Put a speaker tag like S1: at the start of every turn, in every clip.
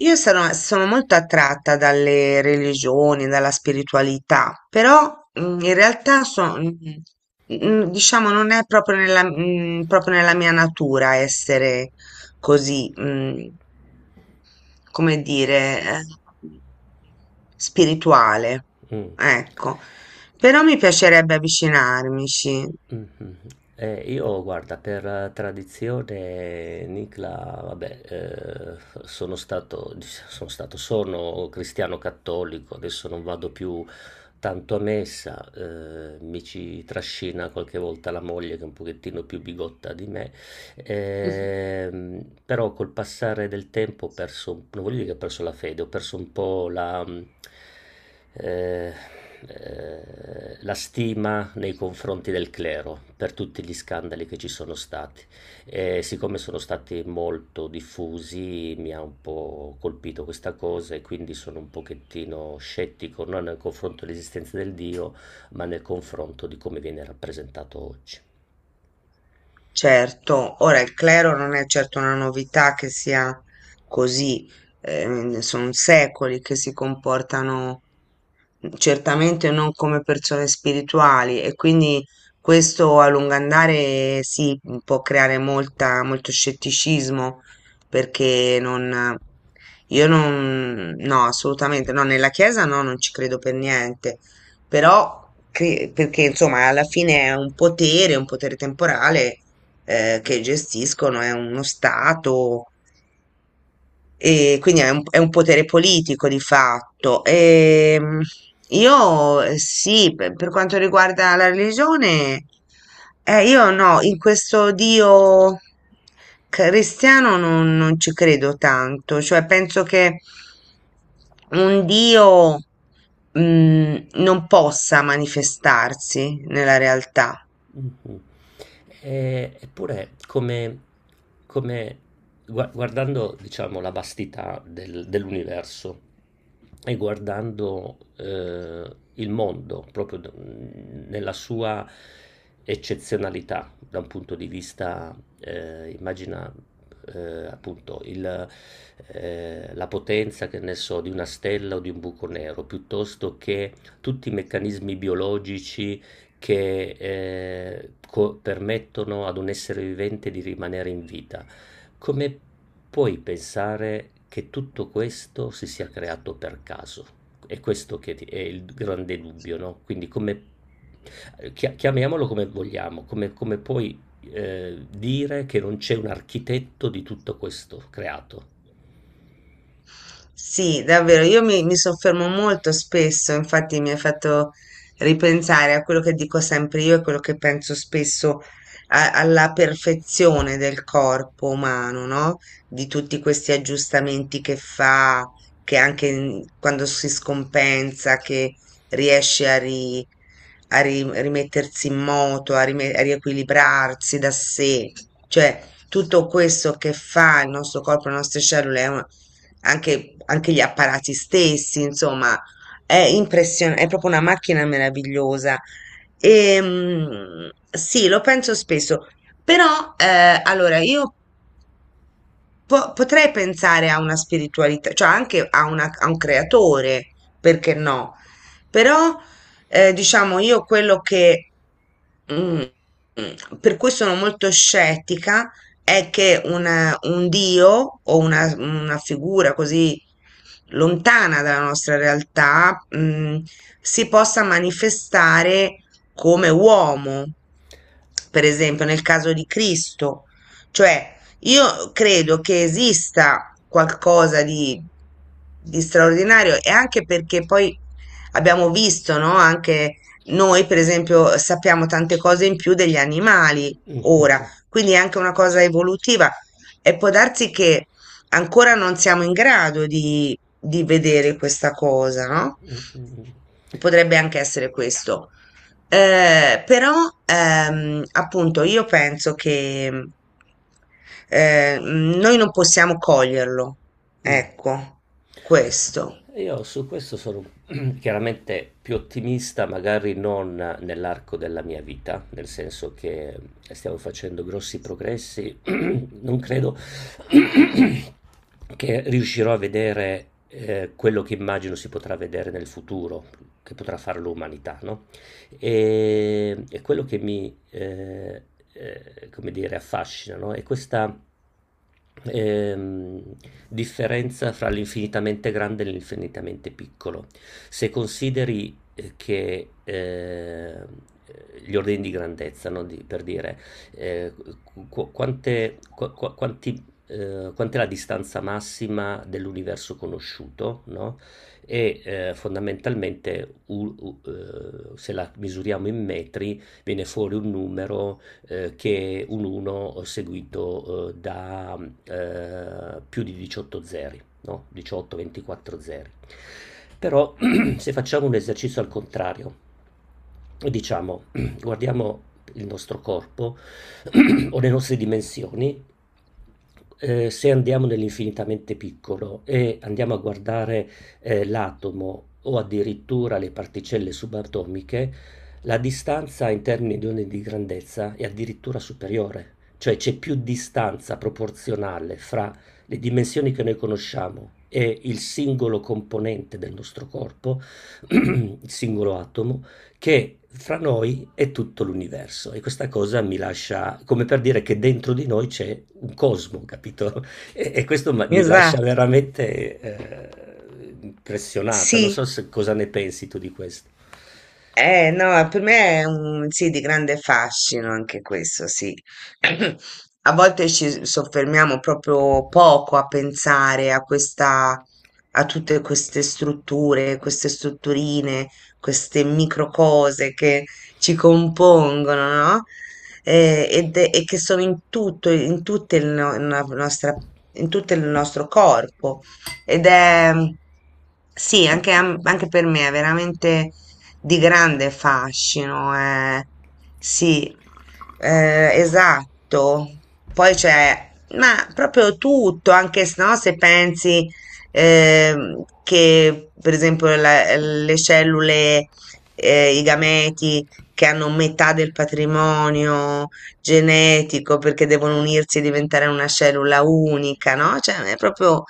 S1: Io sono molto attratta dalle religioni, dalla spiritualità, però in realtà diciamo, non è proprio proprio nella mia natura essere così, mm, come dire, eh, spirituale.
S2: Mh,
S1: Ecco, però mi piacerebbe avvicinarmici.
S2: mh-mh. Io guarda, per tradizione Nicla, vabbè, sono stato dic sono stato sono cristiano cattolico, adesso non vado più tanto a messa. Mi ci trascina qualche volta la moglie, che è un pochettino più bigotta di me. Però col passare del tempo ho perso, non voglio dire che ho perso la fede, ho perso un po' eh, la stima nei confronti del clero, per tutti gli scandali che ci sono stati. E siccome sono stati molto diffusi, mi ha un po' colpito questa cosa, e quindi sono un pochettino scettico, non nel confronto dell'esistenza del Dio, ma nel confronto di come viene rappresentato oggi.
S1: Certo, ora il clero non è certo una novità che sia così, sono secoli che si comportano certamente non come persone spirituali e quindi questo a lungo andare sì, può creare molto scetticismo perché non, io non, no, assolutamente no, nella Chiesa no, non ci credo per niente però perché insomma alla fine è un potere temporale che gestiscono, è uno stato, e quindi è è un potere politico di fatto. Io sì, per quanto riguarda la religione, io no, in questo Dio cristiano non ci credo tanto, cioè penso che un Dio, non possa manifestarsi nella realtà.
S2: Mh-mh. Eppure come come guardando, diciamo, la vastità del dell'universo e guardando, il mondo proprio nella sua eccezionalità da un punto di vista, immagina, appunto il la potenza, che ne so, di una stella o di un buco nero, piuttosto che tutti i meccanismi biologici che, co permettono ad un essere vivente di rimanere in vita. Come puoi pensare che tutto questo si sia creato per caso? È questo è il grande dubbio, no? Quindi come, chiamiamolo come vogliamo, come puoi dire che non c'è un architetto di tutto questo creato?
S1: Sì, davvero, io mi soffermo molto spesso, infatti mi hai fatto ripensare a quello che dico sempre io e quello che penso spesso alla perfezione del corpo umano, no? Di tutti questi aggiustamenti che fa, che anche quando si scompensa, che riesce a rimettersi in moto, a riequilibrarsi da sé, cioè tutto questo che fa il nostro corpo, le nostre cellule anche, anche gli apparati stessi, insomma, è impressionante, è proprio una macchina meravigliosa. E, sì, lo penso spesso, però allora potrei pensare a una spiritualità, cioè anche a un creatore, perché no? Però, diciamo, io quello che, mm, per cui sono molto scettica, è che un Dio o una figura così lontana dalla nostra realtà, si possa manifestare come uomo, per esempio nel caso di Cristo, cioè io credo che esista qualcosa di straordinario e anche perché poi abbiamo visto, no? Anche noi, per esempio, sappiamo tante cose in più degli animali
S2: Mm,
S1: ora, quindi è anche una cosa evolutiva e può darsi che ancora non siamo in grado di vedere questa cosa, no?
S2: mm, mm,
S1: Potrebbe anche essere questo. Però appunto io penso che noi non possiamo coglierlo,
S2: mm. Mm.
S1: ecco, questo.
S2: Io su questo sono chiaramente più ottimista, magari non nell'arco della mia vita, nel senso che stiamo facendo grossi progressi. Non credo che riuscirò a vedere quello che immagino si potrà vedere nel futuro, che potrà fare l'umanità, no? E quello che mi, come dire, affascina, no? È questa ehm, differenza fra l'infinitamente grande e l'infinitamente piccolo. Se consideri che gli ordini di grandezza, no? Per dire eh, qu- quante, qu- qu- quanti, quant'è la distanza massima dell'universo conosciuto, no? E fondamentalmente, se la misuriamo in metri viene fuori un numero che è un 1 seguito da più di 18 zeri, no? 18-24 zeri. Però se facciamo un esercizio al contrario, diciamo, guardiamo il nostro corpo o le nostre dimensioni. Se andiamo nell'infinitamente piccolo e andiamo a guardare l'atomo, o addirittura le particelle subatomiche, la distanza in termini di onde di grandezza è addirittura superiore. Cioè c'è più distanza proporzionale fra le dimensioni che noi conosciamo e il singolo componente del nostro corpo, il singolo atomo, che fra noi è tutto l'universo. E questa cosa mi lascia, come per dire che dentro di noi c'è un cosmo, capito? E questo mi lascia
S1: Esatto.
S2: veramente impressionata, non so
S1: Sì.
S2: cosa ne pensi tu di questo.
S1: No, per me è un sì di grande fascino anche questo, sì. A volte ci soffermiamo proprio poco a pensare a questa, a tutte queste strutture, queste strutturine, queste micro cose che ci compongono, no? Ed e che sono in tutto, in tutte il no- la nostra, in tutto il nostro corpo. Ed è, sì, anche, anche per me è veramente di grande fascino, eh. Sì, esatto. Poi c'è, ma proprio tutto, anche se, no, se pensi che per esempio le cellule, i gameti che hanno metà del patrimonio genetico perché devono unirsi e diventare una cellula unica, no? Cioè, è proprio,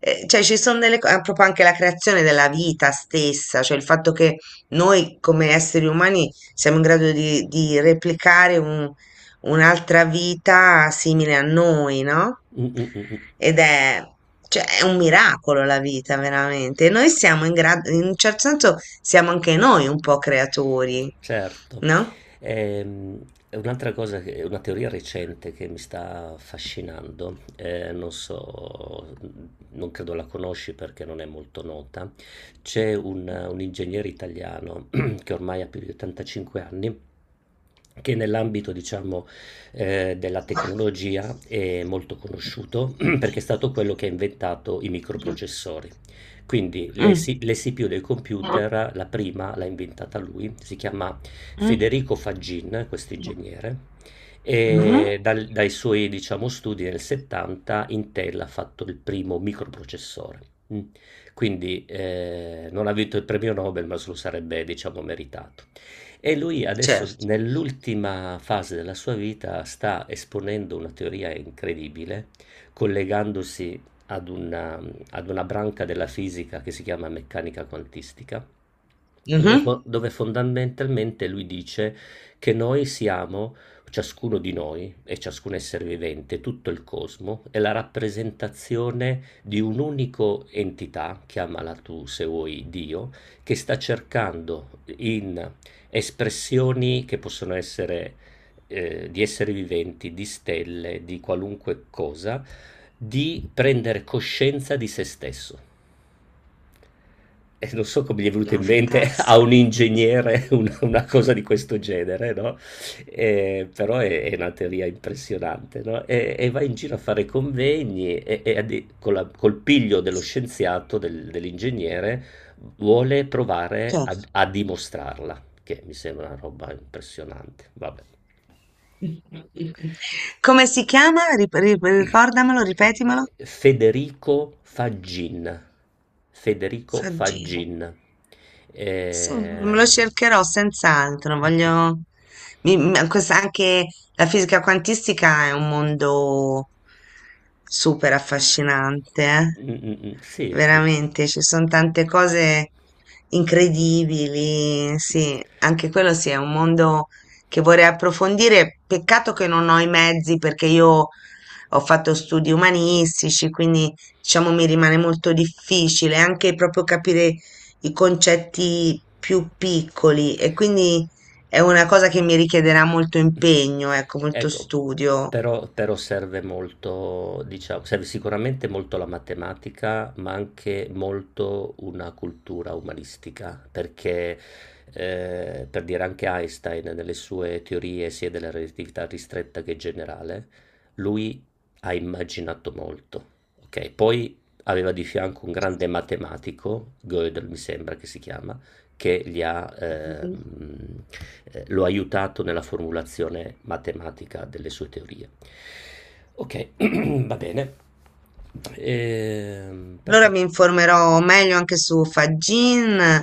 S1: cioè ci sono delle cose, proprio anche la creazione della vita stessa, cioè il fatto che noi come esseri umani siamo in grado di replicare un'altra vita simile a noi, no?
S2: Mm, mm, mm, mm.
S1: Ed è, cioè, è un miracolo la vita, veramente. E noi siamo in grado, in un certo senso, siamo anche noi un po' creatori,
S2: Certo.
S1: no?
S2: Ehm, è un'altra cosa, è una teoria recente che mi sta affascinando, non so, non credo la conosci perché non è molto nota. C'è un ingegnere italiano che ormai ha più di 85 anni, che nell'ambito, diciamo, della tecnologia è molto conosciuto perché è stato quello che ha inventato i microprocessori. Quindi le
S1: Mm.
S2: si- le CPU dei computer, la prima l'ha inventata lui. Si chiama
S1: Mm.
S2: Federico Faggin, questo ingegnere,
S1: Mhm.
S2: e dai suoi, diciamo, studi nel 70 Intel ha fatto il primo microprocessore. Mm. Quindi non ha vinto il premio Nobel, ma se lo sarebbe, diciamo, meritato. E lui adesso,
S1: Certo.
S2: nell'ultima fase della sua vita, sta esponendo una teoria incredibile, collegandosi ad una, ad una branca della fisica che si chiama meccanica quantistica, dove,
S1: Mhm.
S2: dove fondamentalmente lui dice che noi siamo, ciascuno di noi e ciascun essere vivente, tutto il cosmo, è la rappresentazione di un'unica entità, chiamala tu, se vuoi, Dio, che sta cercando, in espressioni che possono essere di esseri viventi, di stelle, di qualunque cosa, di prendere coscienza di se stesso. Non so come gli è venuto
S1: No,
S2: in mente a
S1: fantastico.
S2: un ingegnere una cosa di questo genere, no? Però è una teoria impressionante, no, e va in giro a fare convegni e addi con la col piglio dello scienziato, dell'ingegnere, vuole provare
S1: Certo.
S2: ad a dimostrarla, che mi sembra una roba impressionante, vabbè.
S1: Come si chiama? Ricordamelo, ripetimelo.
S2: Federico Faggin. Federico
S1: Saggina.
S2: Faggin.
S1: Sì, me lo
S2: Ehm,
S1: cercherò senz'altro.
S2: Mh-mh.
S1: Voglio. Anche la fisica quantistica è un mondo super affascinante, eh.
S2: Mh-mh-mh, sì, f
S1: Veramente, ci sono tante cose incredibili. Sì, anche quello sì, è un mondo che vorrei approfondire. Peccato che non ho i mezzi perché io. Ho fatto studi umanistici, quindi diciamo mi rimane molto difficile anche proprio capire i concetti più piccoli e quindi è una cosa che mi richiederà molto impegno, ecco, molto
S2: Ecco,
S1: studio.
S2: però serve molto, diciamo, serve sicuramente molto la matematica, ma anche molto una cultura umanistica, perché per dire, anche Einstein nelle sue teorie, sia della relatività ristretta che generale, lui ha immaginato molto, ok? Poi aveva di fianco un grande matematico, Gödel mi sembra che si chiama, che gli ha,
S1: Mhm.
S2: lo ha aiutato nella formulazione matematica delle sue teorie. Ok, va bene. Ehm,
S1: Allora mi
S2: perfetto,
S1: informerò meglio anche su Fagin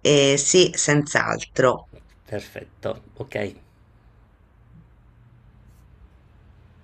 S1: e sì, senz'altro.
S2: perfetto, ok.